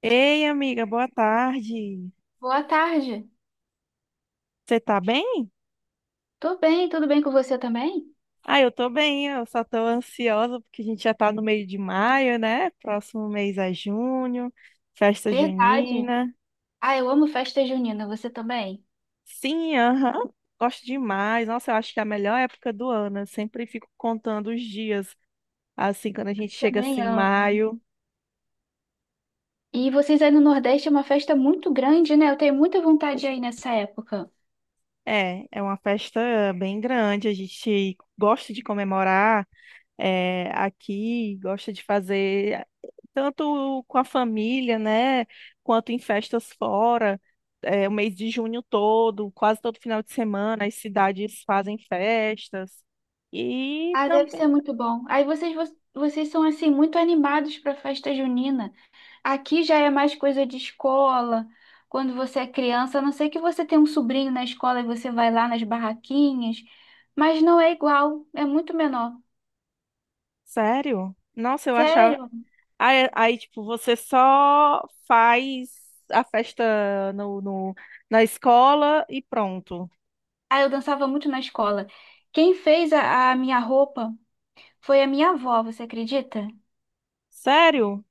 Ei, amiga, boa tarde. Boa tarde. Você tá bem? Tô bem, tudo bem com você também? Ah, eu tô bem, eu só tô ansiosa porque a gente já tá no meio de maio, né? Próximo mês é junho, festa Verdade. junina. Ah, eu amo festa junina, você também? Sim, aham, gosto demais. Nossa, eu acho que é a melhor época do ano. Eu sempre fico contando os dias, assim, quando a gente chega Também assim, amo. maio. E vocês aí no Nordeste é uma festa muito grande, né? Eu tenho muita vontade aí nessa época. É, é uma festa bem grande, a gente gosta de comemorar aqui, gosta de fazer, tanto com a família, né, quanto em festas fora, é, o mês de junho todo, quase todo final de semana, as cidades fazem festas. E Ah, deve ser também, muito bom. Aí vocês, vocês são assim muito animados para festa junina. Aqui já é mais coisa de escola. Quando você é criança, a não sei que você tem um sobrinho na escola e você vai lá nas barraquinhas, mas não é igual, é muito menor. sério, nossa, eu achava. Sério? Aí, aí, tipo, você só faz a festa na escola e pronto. Ah, eu dançava muito na escola. Quem fez a minha roupa foi a minha avó, você acredita? Sério?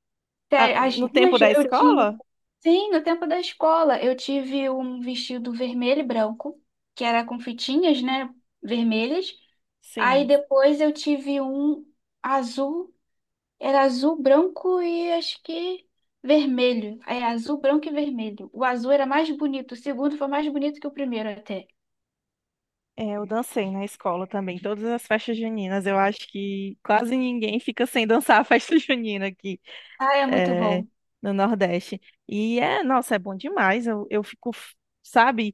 Ah, Sério, as no tempo duas da eu tive. escola? Sim, no tempo da escola, eu tive um vestido vermelho e branco, que era com fitinhas, né, vermelhas. Aí Sim. depois eu tive um azul, era azul, branco e acho que vermelho. É azul, branco e vermelho. O azul era mais bonito, o segundo foi mais bonito que o primeiro até. É, eu dancei na escola também, todas as festas juninas. Eu acho que quase ninguém fica sem dançar a festa junina aqui, Ah, é muito é, bom. no Nordeste. E é, nossa, é bom demais. Eu fico, sabe,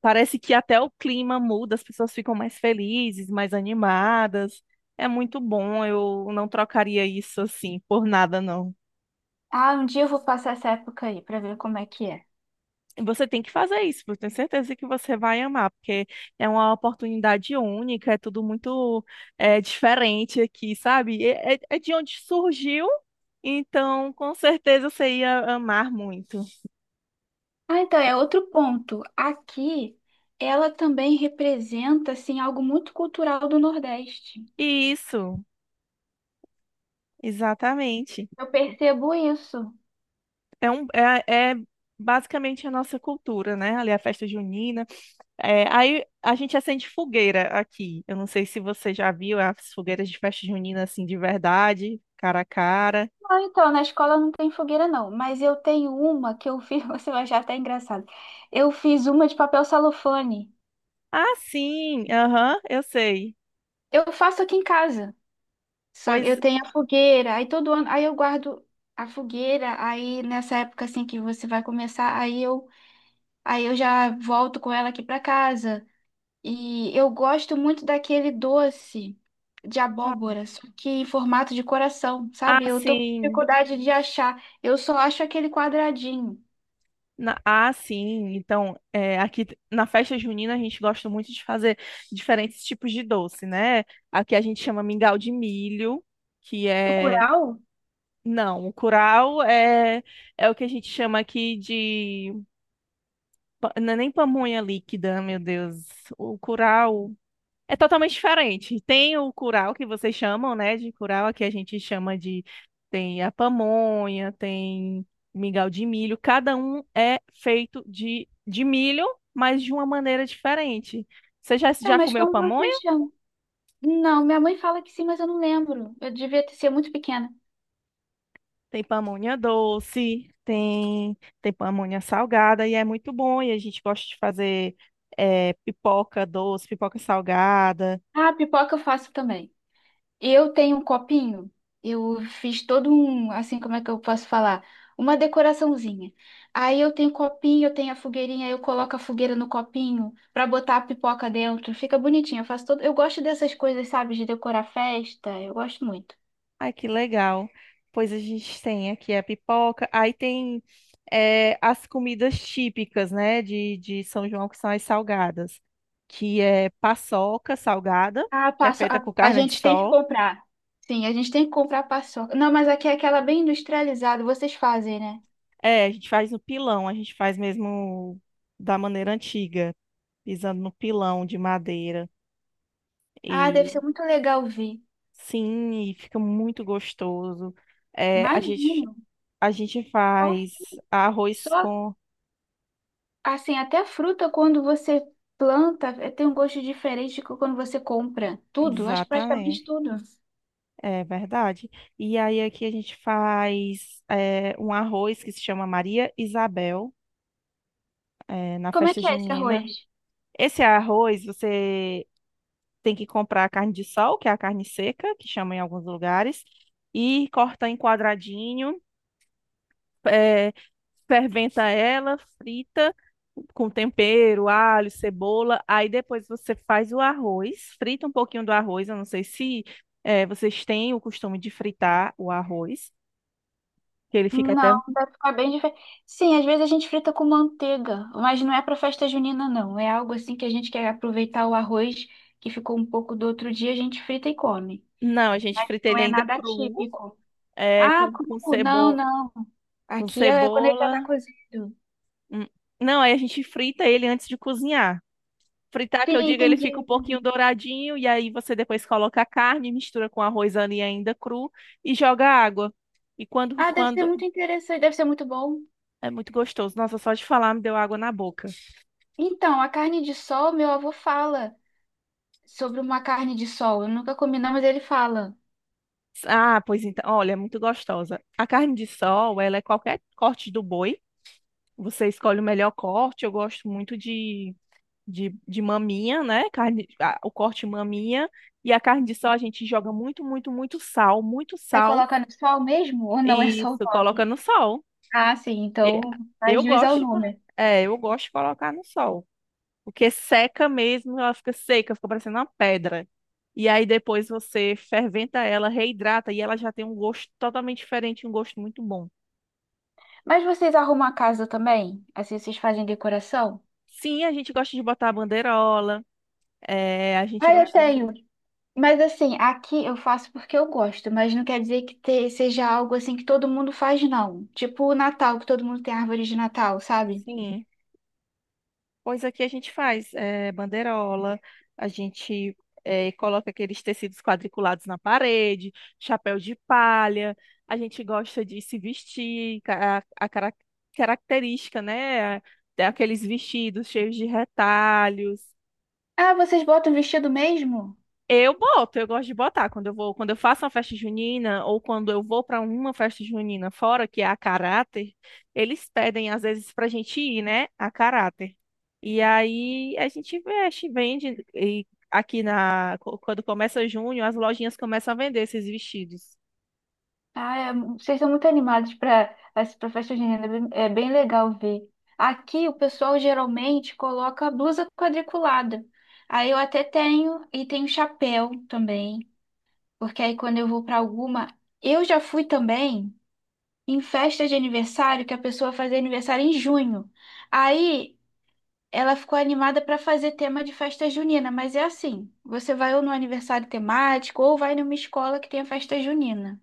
parece que até o clima muda, as pessoas ficam mais felizes, mais animadas. É muito bom, eu não trocaria isso assim por nada, não. Ah, um dia eu vou passar essa época aí pra ver como é que é. Você tem que fazer isso, eu tenho certeza que você vai amar, porque é uma oportunidade única, é tudo muito diferente aqui, sabe? É de onde surgiu, então com certeza você ia amar muito. Ah, então, é outro ponto. Aqui, ela também representa, assim, algo muito cultural do Nordeste. Isso, exatamente. Eu percebo isso. É, um, é, é basicamente a nossa cultura, né? Ali a festa junina. É, aí a gente acende fogueira aqui. Eu não sei se você já viu as fogueiras de festa junina assim de verdade, cara a cara. Ah, então, na escola não tem fogueira, não. Mas eu tenho uma que eu fiz, você vai achar até engraçado. Eu fiz uma de papel celofane. Ah, sim, aham, eu sei. Eu faço aqui em casa. Só que eu Pois, tenho a fogueira, aí todo ano, aí eu guardo a fogueira, aí nessa época assim que você vai começar, aí eu já volto com ela aqui pra casa. E eu gosto muito daquele doce de ah, abóbora, só que em formato de coração, sabe? ah, Eu tô com sim. dificuldade de achar. Eu só acho aquele quadradinho. Ah, sim. Então, é, aqui na festa junina a gente gosta muito de fazer diferentes tipos de doce, né? Aqui a gente chama mingau de milho, que O é. curau? Não, o curau é, é o que a gente chama aqui de. Não é nem pamonha líquida, meu Deus. O curau. É totalmente diferente. Tem o curau que vocês chamam, né? De curau, aqui a gente chama de. Tem a pamonha, tem mingau de milho. Cada um é feito de milho, mas de uma maneira diferente. Você já, É, já mas comeu como pamonha? vocês chamam? Não, minha mãe fala que sim, mas eu não lembro. Eu devia ter sido muito pequena. Tem pamonha doce, tem, tem pamonha salgada, e é muito bom. E a gente gosta de fazer pipoca doce, pipoca salgada. Ah, pipoca eu faço também. E eu tenho um copinho. Eu fiz todo um, assim, como é que eu posso falar? Uma decoraçãozinha. Aí eu tenho copinho, eu tenho a fogueirinha, aí eu coloco a fogueira no copinho pra botar a pipoca dentro. Fica bonitinho. Eu faço todo, eu gosto dessas coisas, sabe, de decorar festa. Eu gosto muito. Ai, que legal. Pois a gente tem aqui a pipoca, aí tem as comidas típicas, né, de São João, que são as salgadas, que é paçoca salgada, Ah, que é passo, feita com a carne de gente tem que sol. comprar. Sim, a gente tem que comprar paçoca. Não, mas aqui é aquela bem industrializada, vocês fazem, né? É, a gente faz no pilão, a gente faz mesmo da maneira antiga, pisando no pilão de madeira. Ah, deve E ser muito legal ver. sim, e fica muito gostoso. É, a gente, Imagino. a gente Só, faz arroz só com... Assim, até fruta, quando você planta, tem um gosto diferente de quando você compra. Tudo, acho que praticamente Exatamente. tudo. É verdade. E aí aqui a gente faz é, um arroz que se chama Maria Isabel, é, na Como é festa que é esse junina. arroz? Esse arroz você tem que comprar a carne de sol, que é a carne seca, que chama em alguns lugares, e corta em quadradinho, é, ferventa ela, frita com tempero, alho, cebola. Aí depois você faz o arroz, frita um pouquinho do arroz. Eu não sei se vocês têm o costume de fritar o arroz, que ele fica até... Não, vai ficar bem diferente. Sim, às vezes a gente frita com manteiga, mas não é para festa junina, não. É algo assim que a gente quer aproveitar o arroz que ficou um pouco do outro dia, a gente frita e come. Não, a gente Mas frita não ele é ainda nada cru, típico. é, Ah, com, cru? com, Não, cebo... não. com Aqui é quando ele já cebola. está cozido. Hum. Não, aí a gente frita ele antes de cozinhar. Fritar, que Sim, eu digo, ele entendi, fica um pouquinho entendi. douradinho, e aí você depois coloca a carne, mistura com arroz ali ainda cru e joga água. E quando, Ah, deve ser quando... muito interessante, deve ser muito bom. É muito gostoso. Nossa, só de falar me deu água na boca. Então, a carne de sol, meu avô fala sobre uma carne de sol. Eu nunca comi, não, mas ele fala. Ah, pois então, olha, é muito gostosa. A carne de sol, ela é qualquer corte do boi. Você escolhe o melhor corte. Eu gosto muito de maminha, né? Carne, o corte maminha. E a carne de sol a gente joga muito, muito, muito sal, muito É sal. colocar no sol mesmo ou não é E só o isso, coloca nome? no sol. Ah, sim, E- então faz eu juiz ao gosto, nome. é, eu gosto de colocar no sol. Porque seca mesmo, ela fica seca, fica parecendo uma pedra. E aí depois você ferventa ela, reidrata e ela já tem um gosto totalmente diferente, um gosto muito bom. Mas vocês arrumam a casa também? Assim, vocês fazem decoração? Sim, a gente gosta de botar a bandeirola, é, a gente Ah, eu gosta de... tenho. Mas assim, aqui eu faço porque eu gosto, mas não quer dizer que seja algo assim que todo mundo faz, não. Tipo o Natal, que todo mundo tem árvore de Natal, sabe? Sim. Pois aqui a gente faz banderola, a gente coloca aqueles tecidos quadriculados na parede, chapéu de palha, a gente gosta de se vestir, característica, né? Tem aqueles vestidos cheios de retalhos, Ah, vocês botam vestido mesmo? eu boto, eu gosto de botar quando eu vou, quando eu faço uma festa junina ou quando eu vou para uma festa junina fora, que é a caráter, eles pedem às vezes pra gente ir, né, a caráter. E aí a gente veste, vende e aqui quando começa junho, as lojinhas começam a vender esses vestidos. Ah, é, vocês estão muito animados para festa junina, é bem legal ver. Aqui o pessoal geralmente coloca blusa quadriculada. Aí eu até tenho e tenho chapéu também, porque aí quando eu vou para alguma, eu já fui também em festa de aniversário que a pessoa fazia aniversário em junho. Aí ela ficou animada para fazer tema de festa junina, mas é assim, você vai ou no aniversário temático ou vai numa escola que tem a festa junina.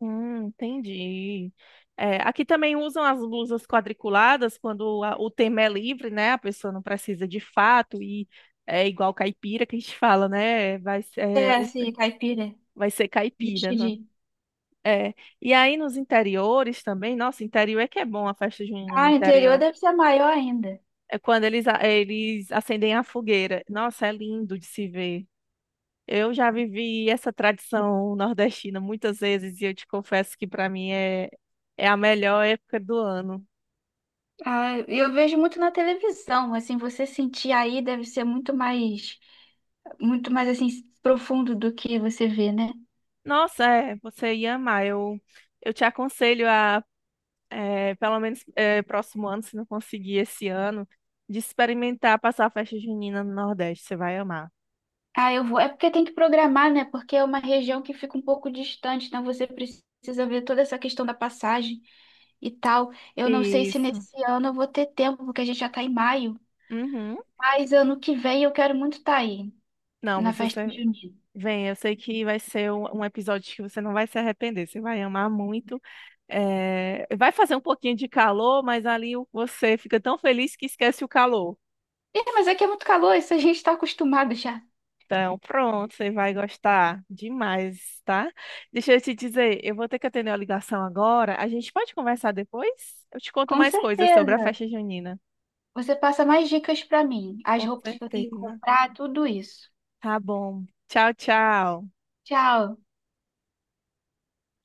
Entendi. É, aqui também usam as blusas quadriculadas quando o tema é livre, né? A pessoa não precisa de fato e é igual caipira que a gente fala, né? É assim, caipira. Vai ser caipira, né? Entendi. É. E aí nos interiores também, nossa, interior é que é bom a festa junina no Ah, interior interior. deve ser maior ainda. É quando eles, eles acendem a fogueira. Nossa, é lindo de se ver. Eu já vivi essa tradição nordestina muitas vezes e eu te confesso que para mim é, é a melhor época do ano. Ah, eu vejo muito na televisão, assim, você sentir aí deve ser muito mais assim profundo do que você vê, né? Nossa, é, você ia amar. Eu te aconselho a, é, pelo menos é, próximo ano, se não conseguir esse ano, de experimentar passar a festa junina no Nordeste. Você vai amar. Ah, eu vou. É porque tem que programar, né? Porque é uma região que fica um pouco distante, então você precisa ver toda essa questão da passagem e tal. Eu não sei se Isso. nesse ano eu vou ter tempo, porque a gente já tá em maio, Uhum. mas ano que vem eu quero muito estar aí Não, na mas festa você junina. vem, eu sei que vai ser um episódio que você não vai se arrepender, você vai amar muito. É, vai fazer um pouquinho de calor, mas ali você fica tão feliz que esquece o calor. Ih, mas aqui é muito calor, isso a gente está acostumado já. Então, pronto, você vai gostar demais, tá? Deixa eu te dizer, eu vou ter que atender a ligação agora. A gente pode conversar depois? Eu te conto Com mais coisas sobre a certeza. festa junina. Você passa mais dicas pra mim, as Com roupas que eu tenho que certeza. comprar, tudo isso. Tá bom. Tchau, tchau. Tchau.